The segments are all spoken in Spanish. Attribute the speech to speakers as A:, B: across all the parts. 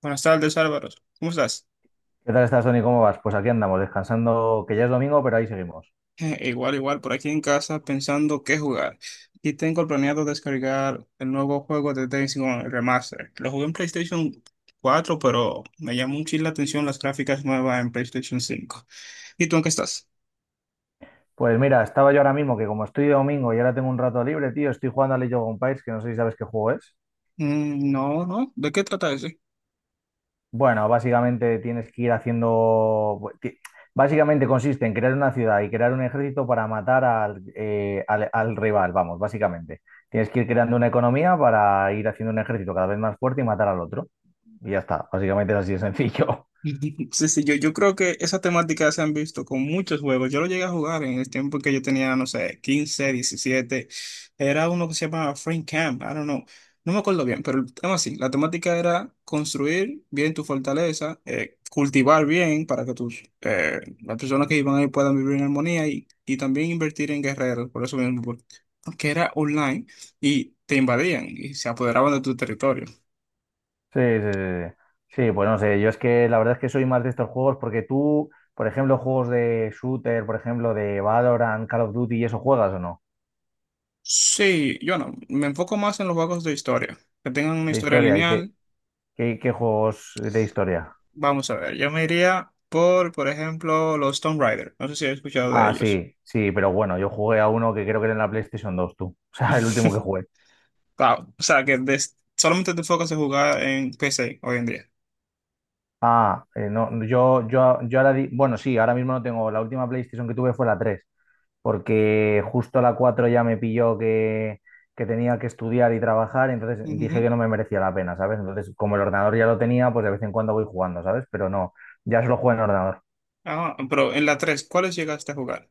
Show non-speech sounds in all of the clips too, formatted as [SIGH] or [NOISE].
A: Buenas tardes, Álvaro. ¿Cómo estás? [LAUGHS]
B: ¿Qué tal estás, Tony? ¿Cómo vas? Pues aquí andamos, descansando, que ya es domingo, pero ahí seguimos.
A: Igual, igual, por aquí en casa pensando qué jugar. Y tengo planeado descargar el nuevo juego de Days Gone Remaster. Lo jugué en PlayStation 4, pero me llamó mucho la atención las gráficas nuevas en PlayStation 5. ¿Y tú en qué estás?
B: Pues mira, estaba yo ahora mismo, que como estoy de domingo y ahora tengo un rato libre, tío, estoy jugando a League of Empires, que no sé si sabes qué juego es.
A: Mm, no, no. ¿De qué trata eso?
B: Bueno, básicamente tienes que ir haciendo básicamente consiste en crear una ciudad y crear un ejército para matar al rival, vamos, básicamente. Tienes que ir creando una economía para ir haciendo un ejército cada vez más fuerte y matar al otro. Y ya está, básicamente es así de sencillo.
A: [LAUGHS] Sí, sí, yo creo que esa temática se han visto con muchos juegos. Yo lo llegué a jugar en el tiempo que yo tenía, no sé, 15 17. Era uno que se llamaba Frame Camp, I don't know. No me acuerdo bien, pero el tema así, la temática era construir bien tu fortaleza, cultivar bien para que las personas que iban ahí puedan vivir en armonía y también invertir en guerreros, por eso mismo, porque era online y te invadían y se apoderaban de tu territorio.
B: Sí, sí. Sí, sí, sí, pues no sé, yo es que la verdad es que soy más de estos juegos porque tú, por ejemplo, juegos de shooter, por ejemplo, de Valorant, Call of Duty, ¿y eso juegas o no?
A: Sí, yo no, me enfoco más en los juegos de historia, que tengan una
B: De
A: historia
B: historia, ¿y
A: lineal.
B: qué juegos de historia?
A: Vamos a ver, yo me iría por ejemplo, los Tomb Raider. No sé si has escuchado de
B: Ah,
A: ellos.
B: sí, sí, pero bueno, yo jugué a uno que creo que era en la PlayStation 2, tú. [LAUGHS] O sea, el último que
A: [LAUGHS]
B: jugué.
A: Claro, o sea, que solamente te enfocas en jugar en PC hoy en día.
B: Ah, no, yo ahora, bueno, sí, ahora mismo no tengo, la última PlayStation que tuve fue la tres, porque justo a la 4 ya me pilló que tenía que estudiar y trabajar, entonces dije
A: Ujú.
B: que no me merecía la pena, ¿sabes? Entonces, como el ordenador ya lo tenía, pues de vez en cuando voy jugando, ¿sabes? Pero no, ya solo juego en ordenador.
A: Ah, pero en la 3, ¿cuáles llegaste a jugar?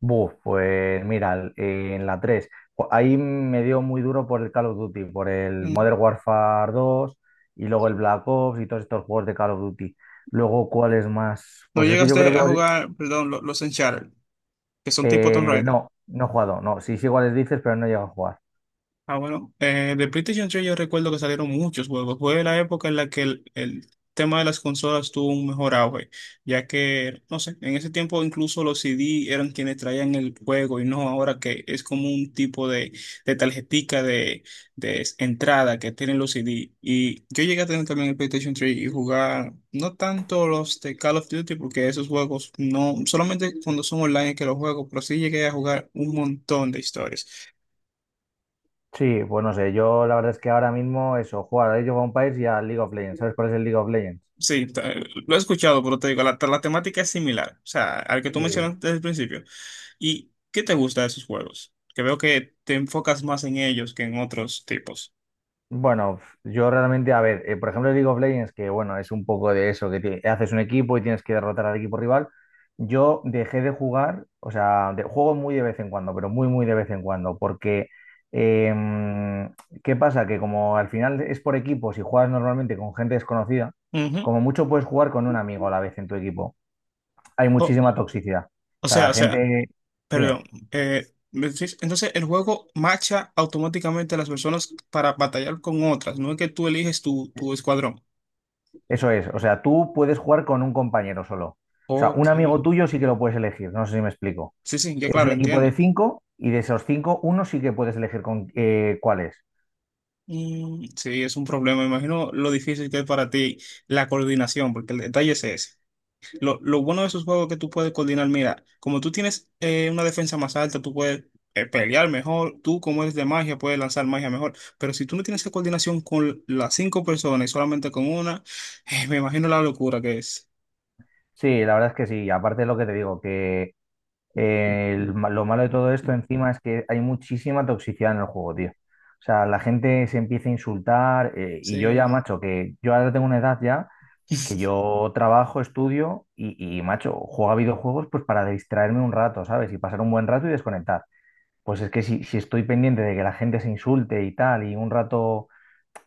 B: Buf, pues mira, en la 3 ahí me dio muy duro por el Call of Duty, por el
A: Ujú.
B: Modern Warfare 2 y luego el Black Ops y todos estos juegos de Call of Duty. Luego, ¿cuál es más?
A: No
B: Pues es que yo creo
A: llegaste
B: que...
A: a jugar, perdón, los Uncharted, que son tipo Tomb
B: eh,
A: Raider.
B: no, no he jugado, no, sí sé cuáles dices, pero no he llegado a jugar.
A: Ah, bueno, de PlayStation 3 yo recuerdo que salieron muchos juegos. Fue la época en la que el tema de las consolas tuvo un mejor auge, ya que, no sé, en ese tiempo incluso los CD eran quienes traían el juego y no ahora que es como un tipo de tarjetica de, de entrada que tienen los CD. Y yo llegué a tener también el PlayStation 3 y jugar no tanto los de Call of Duty, porque esos juegos no, solamente cuando son online es que los juego, pero sí llegué a jugar un montón de historias.
B: Sí, pues no sé, yo la verdad es que ahora mismo eso, jugar a Age of Empires y a League of Legends. ¿Sabes cuál es el League of Legends?
A: Sí, lo he escuchado, pero te digo, la temática es similar, o sea, al que tú
B: Sí.
A: mencionaste desde el principio. ¿Y qué te gusta de esos juegos? Que veo que te enfocas más en ellos que en otros tipos.
B: Bueno, yo realmente, a ver, por ejemplo, el League of Legends, que bueno, es un poco de eso, que haces un equipo y tienes que derrotar al equipo rival. Yo dejé de jugar, o sea, juego muy de vez en cuando, pero muy, muy de vez en cuando, porque em, ¿qué pasa? Que como al final es por equipos y juegas normalmente con gente desconocida,
A: Ujú.
B: como mucho puedes jugar con un amigo a la vez en tu equipo. Hay
A: O,
B: muchísima toxicidad. O
A: o
B: sea,
A: sea,
B: la
A: o sea,
B: gente,
A: perdón,
B: dime,
A: entonces, el juego macha automáticamente a las personas para batallar con otras. No es que tú eliges tu escuadrón.
B: eso es. O sea, tú puedes jugar con un compañero solo. O sea,
A: Ok.
B: un amigo tuyo sí que lo puedes elegir, no sé si me explico.
A: Sí, sí, ya
B: Es
A: claro,
B: un equipo de
A: entiendo.
B: cinco y de esos cinco, uno sí que puedes elegir con cuáles.
A: Mm, sí, es un problema. Me imagino lo difícil que es para ti la coordinación, porque el detalle es ese. Lo bueno de esos juegos es que tú puedes coordinar. Mira, como tú tienes una defensa más alta, tú puedes pelear mejor. Tú, como eres de magia, puedes lanzar magia mejor. Pero si tú no tienes esa coordinación con las cinco personas y solamente con una, me imagino la locura que es.
B: Sí, la verdad es que sí. Aparte de lo que te digo, que lo malo de todo esto encima es que hay muchísima toxicidad en el juego, tío. O sea, la gente se empieza a insultar, y yo ya,
A: Sí.
B: macho, que yo ahora tengo una edad ya que yo trabajo, estudio macho, juego a videojuegos pues para distraerme un rato, ¿sabes? Y pasar un buen rato y desconectar. Pues es que si estoy pendiente de que la gente se insulte y tal, y un rato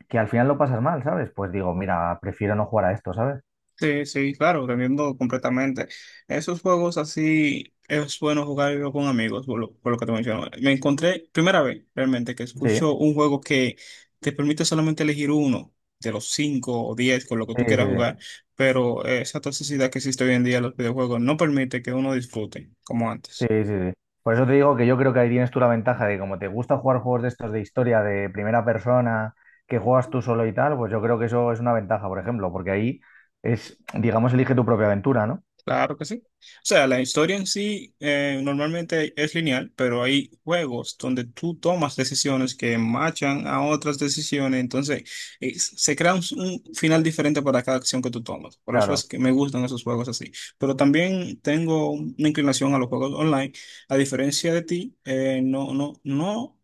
B: que al final lo pasas mal, ¿sabes? Pues digo, mira, prefiero no jugar a esto, ¿sabes?
A: Sí, sí, claro, te entiendo completamente. Esos juegos así es bueno jugar con amigos, por lo que te menciono. Me encontré, primera vez realmente, que
B: Sí,
A: escucho un juego que te permite solamente elegir uno de los cinco o diez con lo que
B: sí,
A: tú
B: sí,
A: quieras
B: sí,
A: jugar, pero esa toxicidad que existe hoy en día en los videojuegos no permite que uno disfrute como
B: sí,
A: antes.
B: sí, sí. Por eso te digo que yo creo que ahí tienes tú la ventaja de que como te gusta jugar juegos de estos de historia, de primera persona, que juegas tú solo y tal, pues yo creo que eso es una ventaja, por ejemplo, porque ahí es, digamos, elige tu propia aventura, ¿no?
A: Claro que sí. O sea, la historia en sí normalmente es lineal, pero hay juegos donde tú tomas decisiones que machan a otras decisiones, entonces se crea un final diferente para cada acción que tú tomas. Por eso es
B: Claro.
A: que me gustan esos juegos así. Pero también tengo una inclinación a los juegos online. A diferencia de ti,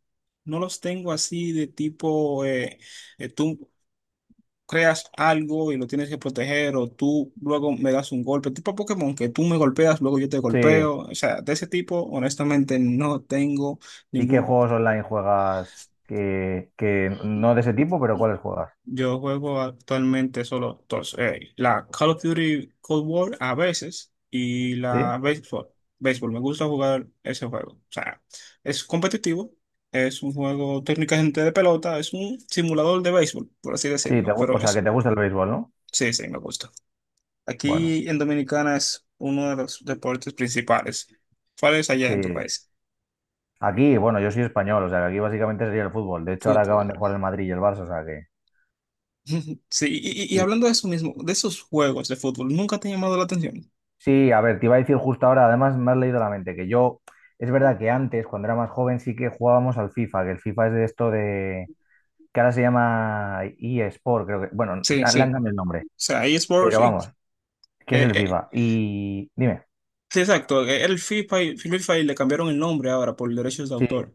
A: no los tengo así de tipo tú creas algo y lo tienes que proteger o tú luego me das un golpe, tipo Pokémon, que tú me golpeas, luego yo te
B: Sí.
A: golpeo, o sea, de ese tipo, honestamente, no tengo
B: ¿Y qué
A: ningún,
B: juegos online juegas que no de ese tipo, pero cuáles juegas?
A: yo juego actualmente solo dos, la Call of Duty Cold War a veces y
B: ¿Sí?
A: la béisbol, béisbol, me gusta jugar ese juego, o sea, es competitivo. Es un juego técnicamente de pelota, es un simulador de béisbol, por así
B: Sí,
A: decirlo, pero
B: o sea, que
A: es,
B: te gusta el béisbol, ¿no?
A: sí, sí, me gusta.
B: Bueno,
A: Aquí en Dominicana es uno de los deportes principales. ¿Cuál es allá en tu
B: sí.
A: país?
B: Aquí, bueno, yo soy español, o sea, que aquí básicamente sería el fútbol. De hecho, ahora acaban de
A: Fútbol.
B: jugar el Madrid y el Barça, o sea que...
A: [LAUGHS] Sí, y
B: y-
A: hablando de eso mismo, de esos juegos de fútbol, ¿nunca te ha llamado la atención?
B: sí, a ver, te iba a decir justo ahora, además me has leído la mente, que yo, es verdad que antes, cuando era más joven, sí que jugábamos al FIFA, que el FIFA es de esto de... que ahora se llama eSport, creo que... Bueno, le
A: Sí,
B: han
A: sí.
B: cambiado el nombre,
A: O sea, eSports,
B: pero
A: sí.
B: vamos, ¿qué es
A: Eh,
B: el
A: eh,
B: FIFA? Y dime.
A: sí, exacto. El FIFA y le cambiaron el nombre ahora por derechos de
B: Sí,
A: autor.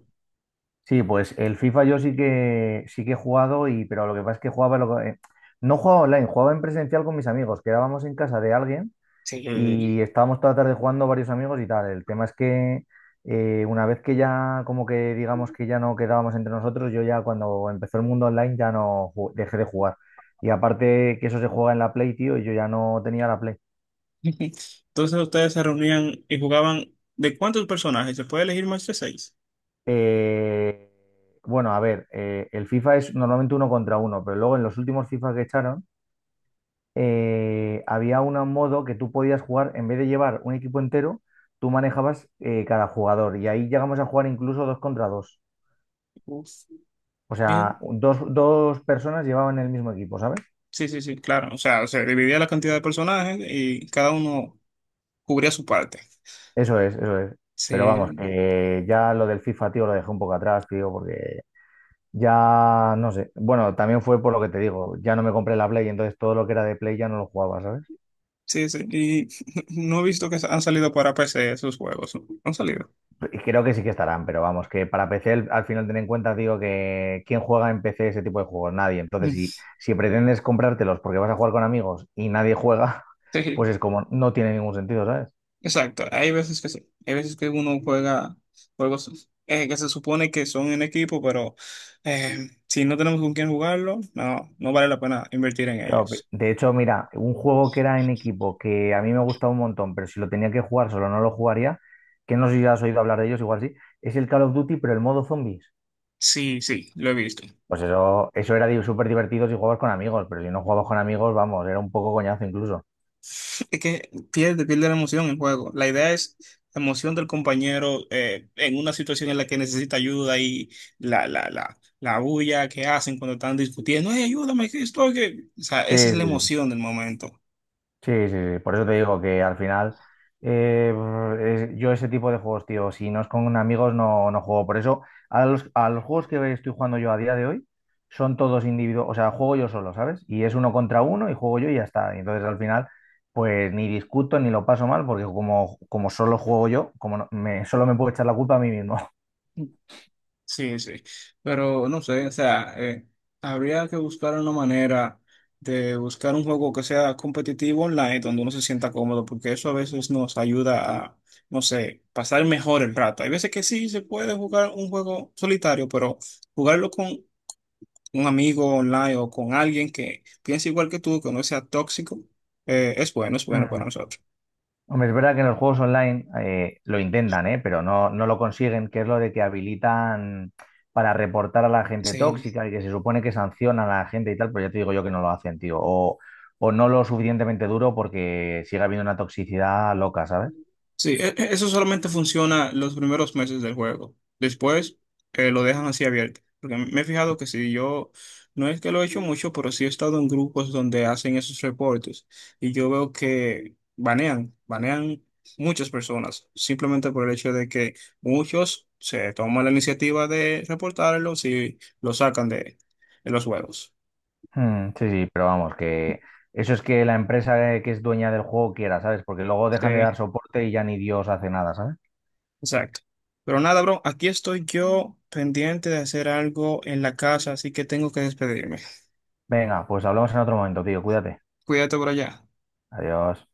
B: sí, pues el FIFA yo sí que he jugado, y pero lo que pasa es que jugaba no jugaba online, jugaba en presencial con mis amigos, quedábamos en casa de alguien y
A: Sí.
B: estábamos toda la tarde jugando varios amigos y tal. El tema es que, una vez que ya como que digamos que ya no quedábamos entre nosotros, yo ya cuando empezó el mundo online ya no dejé de jugar. Y aparte que eso se juega en la Play, tío, y yo ya no tenía la Play.
A: [LAUGHS] Ujú. Entonces ustedes se reunían y jugaban ¿de cuántos personajes? ¿Se puede elegir más de seis?
B: Eh, bueno, a ver, el FIFA es normalmente uno contra uno, pero luego en los últimos FIFA que echaron había un modo que tú podías jugar, en vez de llevar un equipo entero, tú manejabas cada jugador y ahí llegamos a jugar incluso dos contra dos.
A: Uf.
B: O
A: Bien.
B: sea, dos personas llevaban el mismo equipo, ¿sabes?
A: Sí, sí, sí, claro. O sea, se dividía la cantidad de personajes y cada uno cubría su parte.
B: Eso es, eso es. Pero vamos,
A: Sí.
B: que ya lo del FIFA, tío, lo dejé un poco atrás, tío, porque ya no sé. Bueno, también fue por lo que te digo, ya no me compré la Play, entonces todo lo que era de Play ya no lo jugaba, ¿sabes?
A: Sí, sí, y [LAUGHS] no he visto que han salido para PC esos juegos, ¿no? Han salido.
B: Creo que sí que estarán, pero vamos, que para PC al final ten en cuenta, digo, que quién juega en PC ese tipo de juegos, nadie. Entonces,
A: Mm.
B: si pretendes comprártelos porque vas a jugar con amigos y nadie juega, [LAUGHS]
A: Sí,
B: pues es como, no tiene ningún sentido, ¿sabes?
A: exacto. Hay veces que sí. Hay veces que uno juega juegos que se supone que son en equipo, pero si no tenemos con quién jugarlo, no, no vale la pena invertir en
B: Claro,
A: ellos.
B: de hecho, mira, un juego que era en equipo que a mí me gustaba un montón, pero si lo tenía que jugar solo no lo jugaría, que no sé si has oído hablar de ellos, igual sí, es el Call of Duty, pero el modo zombies.
A: Sí, sí, lo he visto.
B: Pues eso era súper divertido si jugabas con amigos, pero si no jugabas con amigos, vamos, era un poco coñazo incluso.
A: Es que pierde, pierde la emoción en juego. La idea es la emoción del compañero en una situación en la que necesita ayuda y la bulla que hacen cuando están discutiendo. "Ey, ayúdame, que estoy que-". O sea,
B: Sí,
A: esa es la
B: sí.
A: emoción del momento.
B: Sí, sí, sí, por eso te digo que al final, eh, yo ese tipo de juegos, tío, si no es con amigos no, no juego. Por eso a los juegos que estoy jugando yo a día de hoy son todos individuos, o sea, juego yo solo, ¿sabes? Y es uno contra uno y juego yo y ya está. Y entonces al final pues ni discuto ni lo paso mal porque como solo juego yo, como no- me, solo me puedo echar la culpa a mí mismo.
A: Sí, sí, pero no sé, o sea, habría que buscar una manera de buscar un juego que sea competitivo online, donde uno se sienta cómodo, porque eso a veces nos ayuda a, no sé, pasar mejor el rato. Hay veces que sí se puede jugar un juego solitario, pero jugarlo con un amigo online o con alguien que piense igual que tú, que no sea tóxico, es bueno para
B: [LAUGHS]
A: nosotros.
B: Hombre, es verdad que en los juegos online lo intentan, ¿eh? Pero no, no lo consiguen, que es lo de que habilitan para reportar a la gente
A: Sí,
B: tóxica y que se supone que sancionan a la gente y tal, pero ya te digo yo que no lo hacen, tío. O no lo suficientemente duro porque sigue habiendo una toxicidad loca, ¿sabes?
A: sí, eso solamente funciona los primeros meses del juego. Después lo dejan así abierto. Porque me he fijado que si yo, no es que lo he hecho mucho, pero sí he estado en grupos donde hacen esos reportes y yo veo que banean, banean muchas personas, simplemente por el hecho de que muchos se toman la iniciativa de reportarlo si lo sacan de los juegos.
B: Mm, sí, sí, pero vamos, que eso es que la empresa, que es dueña del juego quiera, ¿sabes? Porque luego dejan de
A: Sí.
B: dar soporte y ya ni Dios hace nada, ¿sabes?
A: Exacto. Pero nada, bro, aquí estoy yo pendiente de hacer algo en la casa, así que tengo que despedirme.
B: Venga, pues hablamos en otro momento, tío. Cuídate.
A: Cuídate por allá.
B: Adiós.